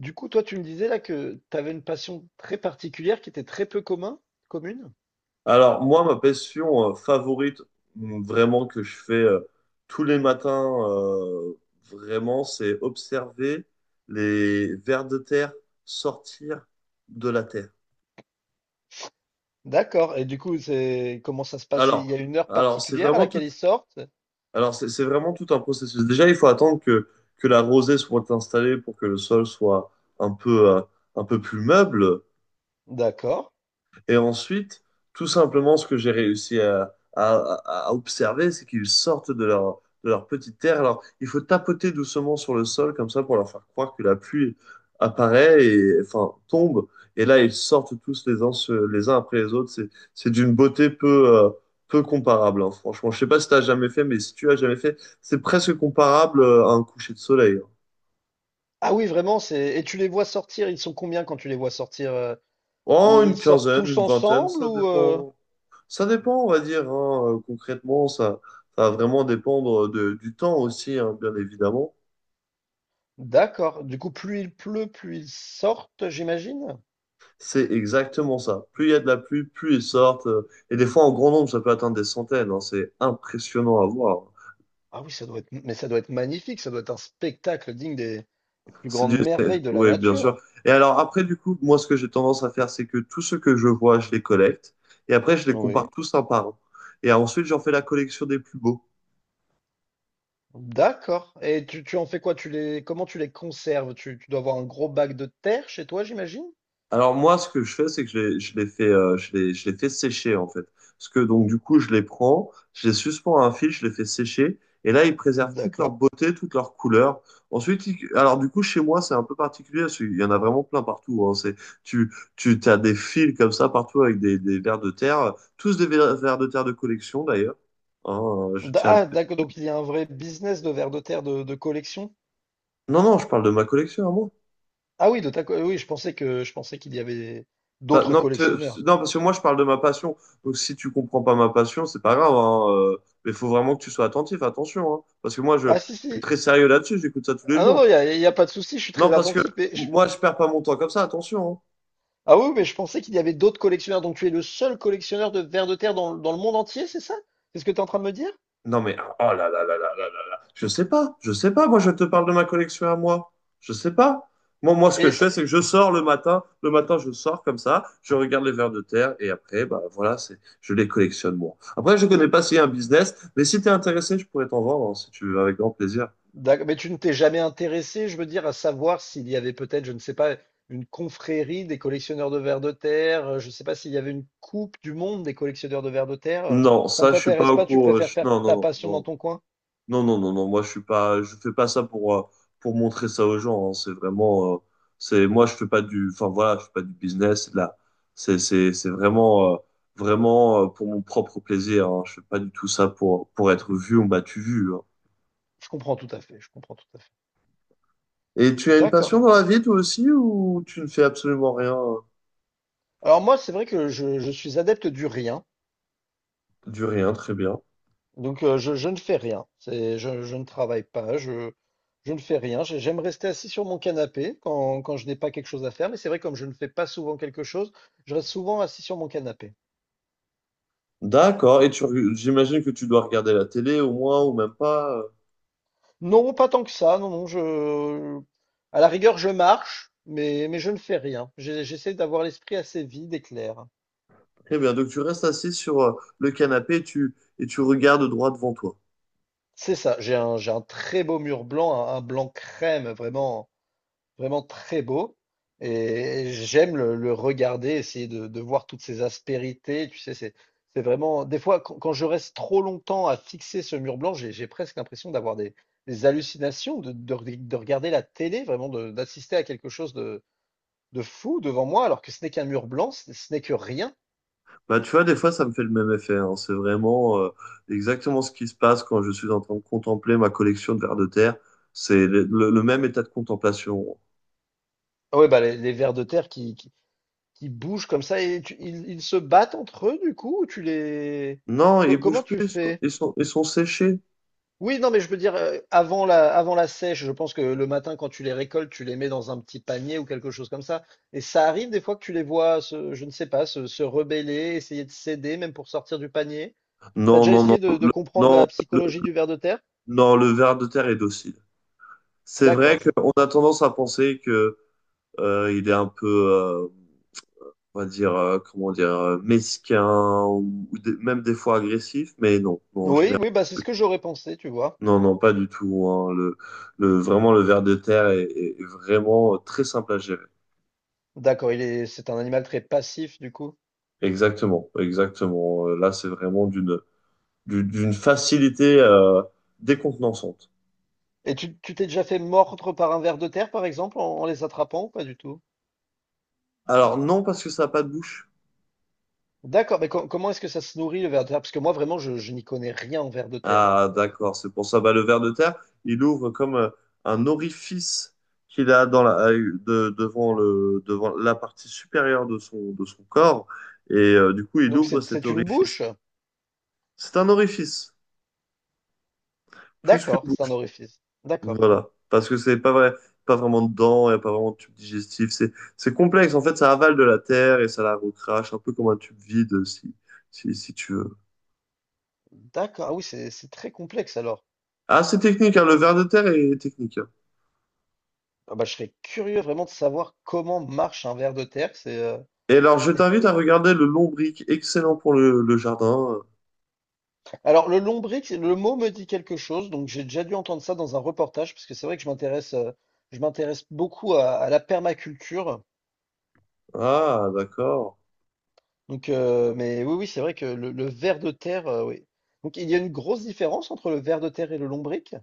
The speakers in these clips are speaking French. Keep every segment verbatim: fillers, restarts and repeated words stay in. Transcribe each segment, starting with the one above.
Du coup, toi, tu me disais là que tu avais une passion très particulière qui était très peu commun, commune. Alors, moi, ma passion euh, favorite, mm, vraiment, que je fais euh, tous les matins, euh, vraiment, c'est observer les vers de terre sortir de la terre. D'accord. Et du coup, c'est comment ça se passe? Il y a Alors, une heure alors c'est particulière à vraiment tout, laquelle ils sortent? alors c'est c'est vraiment tout un processus. Déjà, il faut attendre que, que la rosée soit installée pour que le sol soit un peu, euh, un peu plus meuble. D'accord. Et ensuite, tout simplement, ce que j'ai réussi à, à- à- à observer, c'est qu'ils sortent de leur, de leur petite terre. Alors, il faut tapoter doucement sur le sol, comme ça, pour leur faire croire que la pluie apparaît et, enfin, tombe. Et là, ils sortent tous les uns, se- les uns après les autres. C'est, c'est d'une beauté peu, euh, peu comparable, hein, franchement. Je sais pas si tu as jamais fait, mais si tu as jamais fait, c'est presque comparable euh, à un coucher de soleil, hein. Ah oui, vraiment, c'est. Et tu les vois sortir, ils sont combien quand tu les vois sortir? euh, Oh, Ils une ils sortent quinzaine, tous une vingtaine, ensemble ça ou euh, dépend. Ça dépend, on va dire, hein. Euh, Concrètement, ça, ça va vraiment dépendre euh, de, du temps aussi, hein, bien évidemment. D'accord. Du coup, plus il pleut, plus ils sortent, j'imagine. C'est exactement ça. Plus il y a de la pluie, plus ils sortent. euh, Et des fois, en grand nombre, ça peut atteindre des centaines, hein. C'est impressionnant à voir. Ah oui, ça doit être mais ça doit être magnifique, ça doit être un spectacle digne des, des plus C'est du… grandes merveilles de la Oui, bien sûr. nature. Et alors, après, du coup, moi, ce que j'ai tendance à faire, c'est que tout ce que je vois, je les collecte. Et après, je les compare Oui. tous un par un. Et ensuite, j'en fais la collection des plus beaux. D'accord. Et tu, tu en fais quoi? Tu les, comment tu les conserves? Tu, tu dois avoir un gros bac de terre chez toi, j'imagine? Alors moi, ce que je fais, c'est que je les, je les fais, euh, je les, je les fais sécher en fait. Parce que donc du coup, je les prends, je les suspends à un fil, je les fais sécher, et là, ils préservent toute leur D'accord. beauté, toute leur couleur. Ensuite, ils- alors du coup, chez moi, c'est un peu particulier, parce qu'il y en a vraiment plein partout. Hein. C'est, tu, tu as des fils comme ça partout avec des, des vers de terre, tous des vers, vers de terre de collection d'ailleurs. Hein, euh, je D- tiens à le… Ah, d'accord. Donc il y a un vrai business de vers de terre de, de collection. Non, non, je parle de ma collection à moi. Ah oui, de ta, co- euh, oui, je pensais que je pensais qu'il y avait Pas- d'autres non, parce que, collectionneurs. non, parce que moi, je parle de ma passion. Donc, si tu comprends pas ma passion, c'est pas grave, hein, euh, mais il faut vraiment que tu sois attentif, attention, hein, parce que moi, je, Ah si je suis si. très sérieux là-dessus, j'écoute ça tous les Ah non non, jours. il y a, il y a pas de souci. Je suis Non, très parce que attentif. Mais je- moi, je perds pas mon temps comme ça, attention, hein. Ah oui, mais je pensais qu'il y avait d'autres collectionneurs. Donc tu es le seul collectionneur de vers de terre dans, dans le monde entier, c'est ça? C'est ce que tu es en train de me dire? Non mais oh là là là là là là là. Je sais pas, je sais pas. Moi, je te parle de ma collection à moi. Je sais pas. Moi, moi, ce que Et je ça- fais, c'est que je sors le matin. Le matin, je sors comme ça. Je regarde les vers de terre et après, bah voilà, c'est, je les collectionne moi. Après, je connais pas s'il y a un business, mais si tu es intéressé, je pourrais t'en vendre hein, si tu veux, avec grand plaisir. D'accord. Mais tu ne t'es jamais intéressé, je veux dire, à savoir s'il y avait peut-être, je ne sais pas, une confrérie des collectionneurs de vers de terre, euh, je ne sais pas s'il y avait une coupe du monde des collectionneurs de vers de terre. euh, Non, Ça ne ça, je suis pas t'intéresse au pas, tu courant. euh, préfères je- faire Non, non, ta non, passion dans non. ton coin? Non, non, non, non, moi je suis pas, je fais pas ça pour, euh, pour montrer ça aux gens, hein. C'est vraiment, euh, c'est, moi je fais pas du, enfin voilà, je fais pas du business. Là, c'est, c'est, c'est vraiment, euh, vraiment euh, pour mon propre plaisir. Hein. Je fais pas du tout ça pour, pour être vu ou battu vu, hein. Je comprends tout à fait, je comprends tout à fait. Et tu as une passion D'accord. dans la vie toi aussi ou tu ne fais absolument rien? euh Alors moi, c'est vrai que je, je suis adepte du rien, Du rien, très bien. donc euh, je, je ne fais rien. C'est, je, je ne travaille pas, je, je ne fais rien. J'ai- J'aime rester assis sur mon canapé quand, quand je n'ai pas quelque chose à faire, mais c'est vrai, comme je ne fais pas souvent quelque chose, je reste souvent assis sur mon canapé. D'accord. Et tu, reg- j'imagine que tu dois regarder la télé au moins ou même pas. euh. Non, pas tant que ça. Non, non, je, À la rigueur, je marche, mais, mais je ne fais rien. J'ai- J'essaie d'avoir l'esprit assez vide et clair. Très bien. Donc tu restes assis sur euh, le canapé et tu, et tu regardes droit devant toi. C'est ça. J'ai un, j'ai un très beau mur blanc, un, un blanc crème, vraiment, vraiment très beau. Et j'aime le, le regarder, essayer de, de voir toutes ces aspérités. Tu sais, c'est, c'est vraiment. Des fois, quand, quand je reste trop longtemps à fixer ce mur blanc, j'ai, j'ai presque l'impression d'avoir des, des hallucinations, de, de, de regarder la télé, vraiment, de- d'assister à quelque chose de fou devant moi, alors que ce n'est qu'un mur blanc, ce ce n'est que rien. Bah, tu vois, des fois, ça me fait le même effet, hein. C'est vraiment, euh, exactement ce qui se passe quand je suis en train de contempler ma collection de vers de terre. C'est le, le- le même état de contemplation. Ah ouais, bah les, les vers de terre qui, qui, qui bougent comme ça et tu- ils, ils se battent entre eux du coup, ou tu les... Non, ils Co- comment bougent plus, tu ils sont, fais? ils sont, ils sont séchés. Oui, non, mais je veux dire, euh, avant la, avant la sèche, je pense que le matin, quand tu les récoltes, tu les mets dans un petit panier ou quelque chose comme ça. Et ça arrive des fois que tu les vois, se- je ne sais pas, se, se rebeller, essayer de céder, même pour sortir du panier. T'as Non, déjà non, non, essayé de, de le, comprendre non, la le, psychologie du ver de terre? non, le ver de terre est docile. C'est vrai D'accord, je qu'on a comprends. tendance à penser que euh, il est un peu, euh, on va dire, euh, comment dire, euh, mesquin ou, ou des- même des fois agressif, mais non, non, en Oui, général. oui, bah c'est ce que j'aurais pensé, tu vois. Non, non, pas du tout, hein. Le, le- vraiment, le ver de terre est, est vraiment, euh, très simple à gérer. D'accord, il est, c'est un animal très passif du coup. Exactement, exactement. Euh, Là, c'est vraiment d'une du- d'une facilité euh, décontenançante. Et tu, tu t'es déjà fait mordre par un ver de terre, par exemple, en, en les attrapant ou pas du tout? Alors, non, parce que ça n'a pas de bouche. D'accord, mais com- comment est-ce que ça se nourrit le ver de terre? Parce que moi vraiment, je, je n'y connais rien en ver de terre, hein. Ah, C'est- d'accord, c'est pour ça. Bah, le ver de terre, il ouvre comme euh, un orifice qu'il a dans la, euh, de- devant le, devant la partie supérieure de son, de son corps. Et euh, du coup, il Donc ouvre c'est, cet c'est une orifice. bouche? C'est un orifice, plus qu'une… D'accord, c'est un orifice. D'accord, Voilà. Parce que c'est pas vrai, pas vraiment de dents, il n'y a pas vraiment de tube digestif. C'est, c'est complexe. En fait, ça avale de la terre et ça la recrache, un peu comme un tube vide, euh, si, si, si tu veux. d'accord. Ah oui, c'est, c'est très complexe alors. Ah, c'est technique, hein, le ver de terre est technique, hein. Ah bah, je serais curieux vraiment de savoir comment marche un ver de terre. C'est, euh, Et alors, je c'est t'invite à regarder le lombric, excellent pour le, le jardin. Alors, le lombric, le mot me dit quelque chose, donc j'ai déjà dû entendre ça dans un reportage, parce que c'est vrai que je m'intéresse, euh, je m'intéresse beaucoup à, à la permaculture. Ah, d'accord. Donc, euh, mais oui, oui, c'est vrai que le, le ver de terre, euh, oui. Donc, il y a une grosse différence entre le ver de terre et le lombric?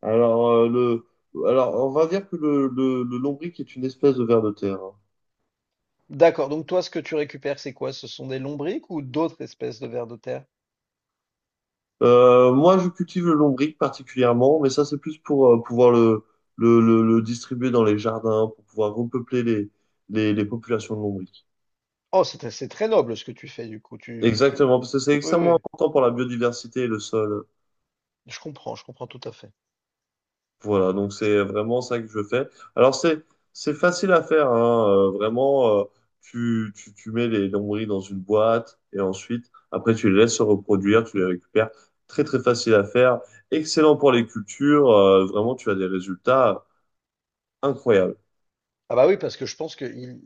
Alors, euh, le, alors, on va dire que le, le, le lombric est une espèce de ver de terre, hein. D'accord. Donc, toi, ce que tu récupères, c'est quoi? Ce sont des lombrics ou d'autres espèces de vers de terre? Euh, moi, je cultive le lombric particulièrement, mais ça, c'est plus pour euh, pouvoir le, le, le, le distribuer dans les jardins, pour pouvoir repeupler les, les, les populations de lombric. Oh, c'est c'est très noble ce que tu fais, du coup. Tu, tu... Exactement, parce que c'est Oui, oui, extrêmement important pour la biodiversité et le sol. je comprends, je comprends tout à fait. Voilà, donc c'est vraiment ça que je fais. Alors, c'est, c'est facile à faire, hein, euh, vraiment, euh, tu, tu, tu mets les lombrics dans une boîte et ensuite, après, tu les laisses se reproduire, tu les récupères. Très, très facile à faire. Excellent pour les cultures. euh, vraiment, tu as des résultats incroyable. Ah bah oui, parce que je pense qu'ils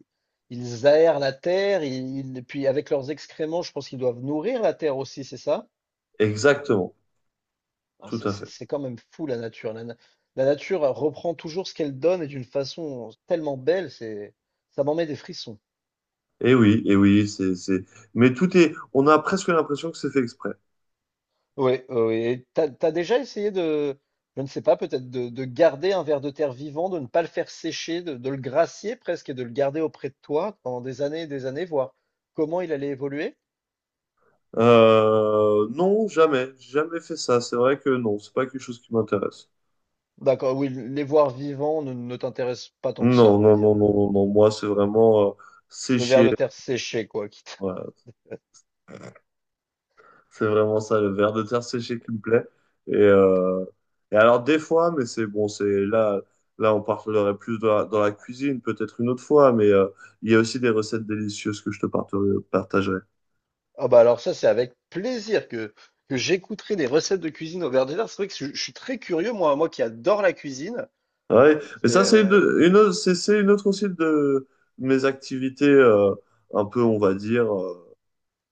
ils aèrent la terre, ils, ils- et puis avec leurs excréments, je pense qu'ils doivent nourrir la terre aussi, c'est ça? Exactement. Ah, Tout c'est à c'est- fait. c'est quand même fou la nature. La, na- la nature reprend toujours ce qu'elle donne et d'une façon tellement belle, c'est ça m'en met des frissons. Et oui, et oui, c'est, c'est. Mais tout est. On a presque l'impression que c'est fait exprès. Oui, oui. Et t'as, t'as déjà essayé de, je ne sais pas, peut-être de, de garder un ver de terre vivant, de ne pas le faire sécher, de, de le gracier presque et de le garder auprès de toi pendant des années et des années, voir comment il allait évoluer? Euh, non, jamais, j'ai jamais fait ça. C'est vrai que non, c'est pas quelque chose qui m'intéresse. D'accord, oui, les voir vivants ne, ne t'intéressent pas tant que ça, à Non, vrai non, dire. non, non, non, non. Moi, c'est vraiment, euh, Le ver séché. de terre séché, quoi, quitte. Voilà. C'est vraiment ça, le verre de terre séché qui me plaît. Et, euh, et alors des fois, mais c'est bon, c'est là, là, on parlerait plus dans la, dans la cuisine, peut-être une autre fois. Mais euh, il y a aussi des recettes délicieuses que je te partagerai. Ah bah alors ça, c'est avec plaisir que, que j'écouterai des recettes de cuisine au ver de terre. C'est vrai que je, je suis très curieux, moi, moi qui adore la cuisine. Ah ouais, mais Et, ça, c'est une, euh, une autre, c'est c'est une autre aussi de mes activités, euh, un peu, on va dire, euh,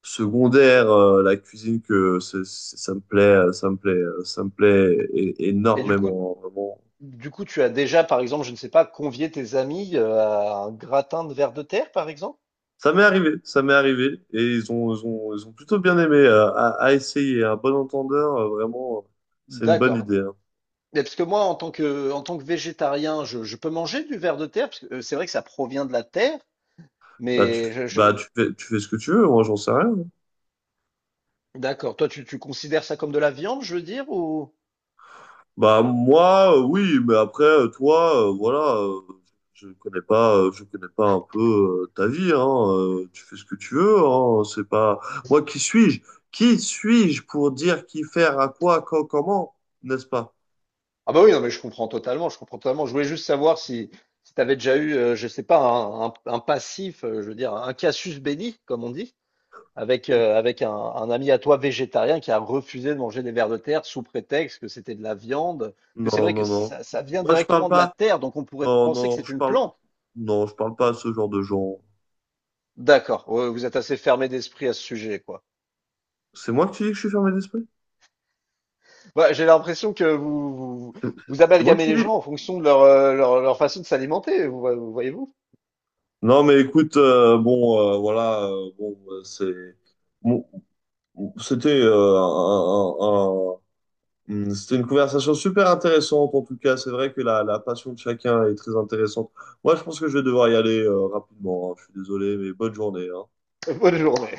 secondaires. Euh, la cuisine, que c'est- c'est- ça me plaît, euh, ça me plaît, euh, ça me plaît é- et du coup, énormément, vraiment. du coup, tu as déjà, par exemple, je ne sais pas, convié tes amis euh, à un gratin de ver de terre, par exemple? Ça m'est arrivé, ça m'est arrivé, et ils ont, ils ont, ils ont plutôt bien aimé, euh, à, à essayer. Un bon entendeur, euh, vraiment, euh, c'est une bonne D'accord. idée, hein. Mais parce que moi, en tant que, en tant que végétarien, je, je peux manger du ver de terre, parce que euh, c'est vrai que ça provient de la terre, Bah, tu, mais je, bah, je- tu fais, tu fais ce que tu veux, moi, j'en sais rien, hein. D'accord. Toi, tu, tu considères ça comme de la viande, je veux dire, ou... Bah moi, euh, oui, mais après, euh, toi, euh, voilà, euh, je ne connais pas, euh, je connais pas un peu euh, ta vie, hein, euh, tu fais ce que tu veux, hein, c'est pas… Moi, qui suis-je? Qui suis-je pour dire qui faire à quoi, quand, comment, n'est-ce pas? Ah bah oui, non mais je comprends totalement, je comprends totalement. Je voulais juste savoir si, si tu avais déjà eu, euh, je sais pas, un, un- un passif, euh, je veux dire, un casus belli, comme on dit, avec, euh, avec un, un ami à toi végétarien qui a refusé de manger des vers de terre sous prétexte que c'était de la viande, que c'est Non, vrai que non, non. ça, ça vient Moi, je parle directement de la pas. terre, donc on pourrait Non, penser que non, c'est je une parle. plante. Non, je parle pas à ce genre de gens. D'accord, ouais, vous êtes assez fermé d'esprit à ce sujet, quoi. C'est moi qui dis que je suis fermé d'esprit? Bah, j'ai l'impression que vous, vous, vous C'est moi amalgamez qui les dis. gens en fonction de leur, euh, leur, leur façon de s'alimenter, vous, vous voyez-vous? Non, mais écoute, euh, bon, euh, voilà, euh, bon, euh, c'est. Bon, C'était euh, un- un- un- c'était une conversation super intéressante en tout cas. C'est vrai que la, la passion de chacun est très intéressante. Moi, je pense que je vais devoir y aller euh, rapidement, hein. Je suis désolé, mais bonne journée, hein. Bonne journée.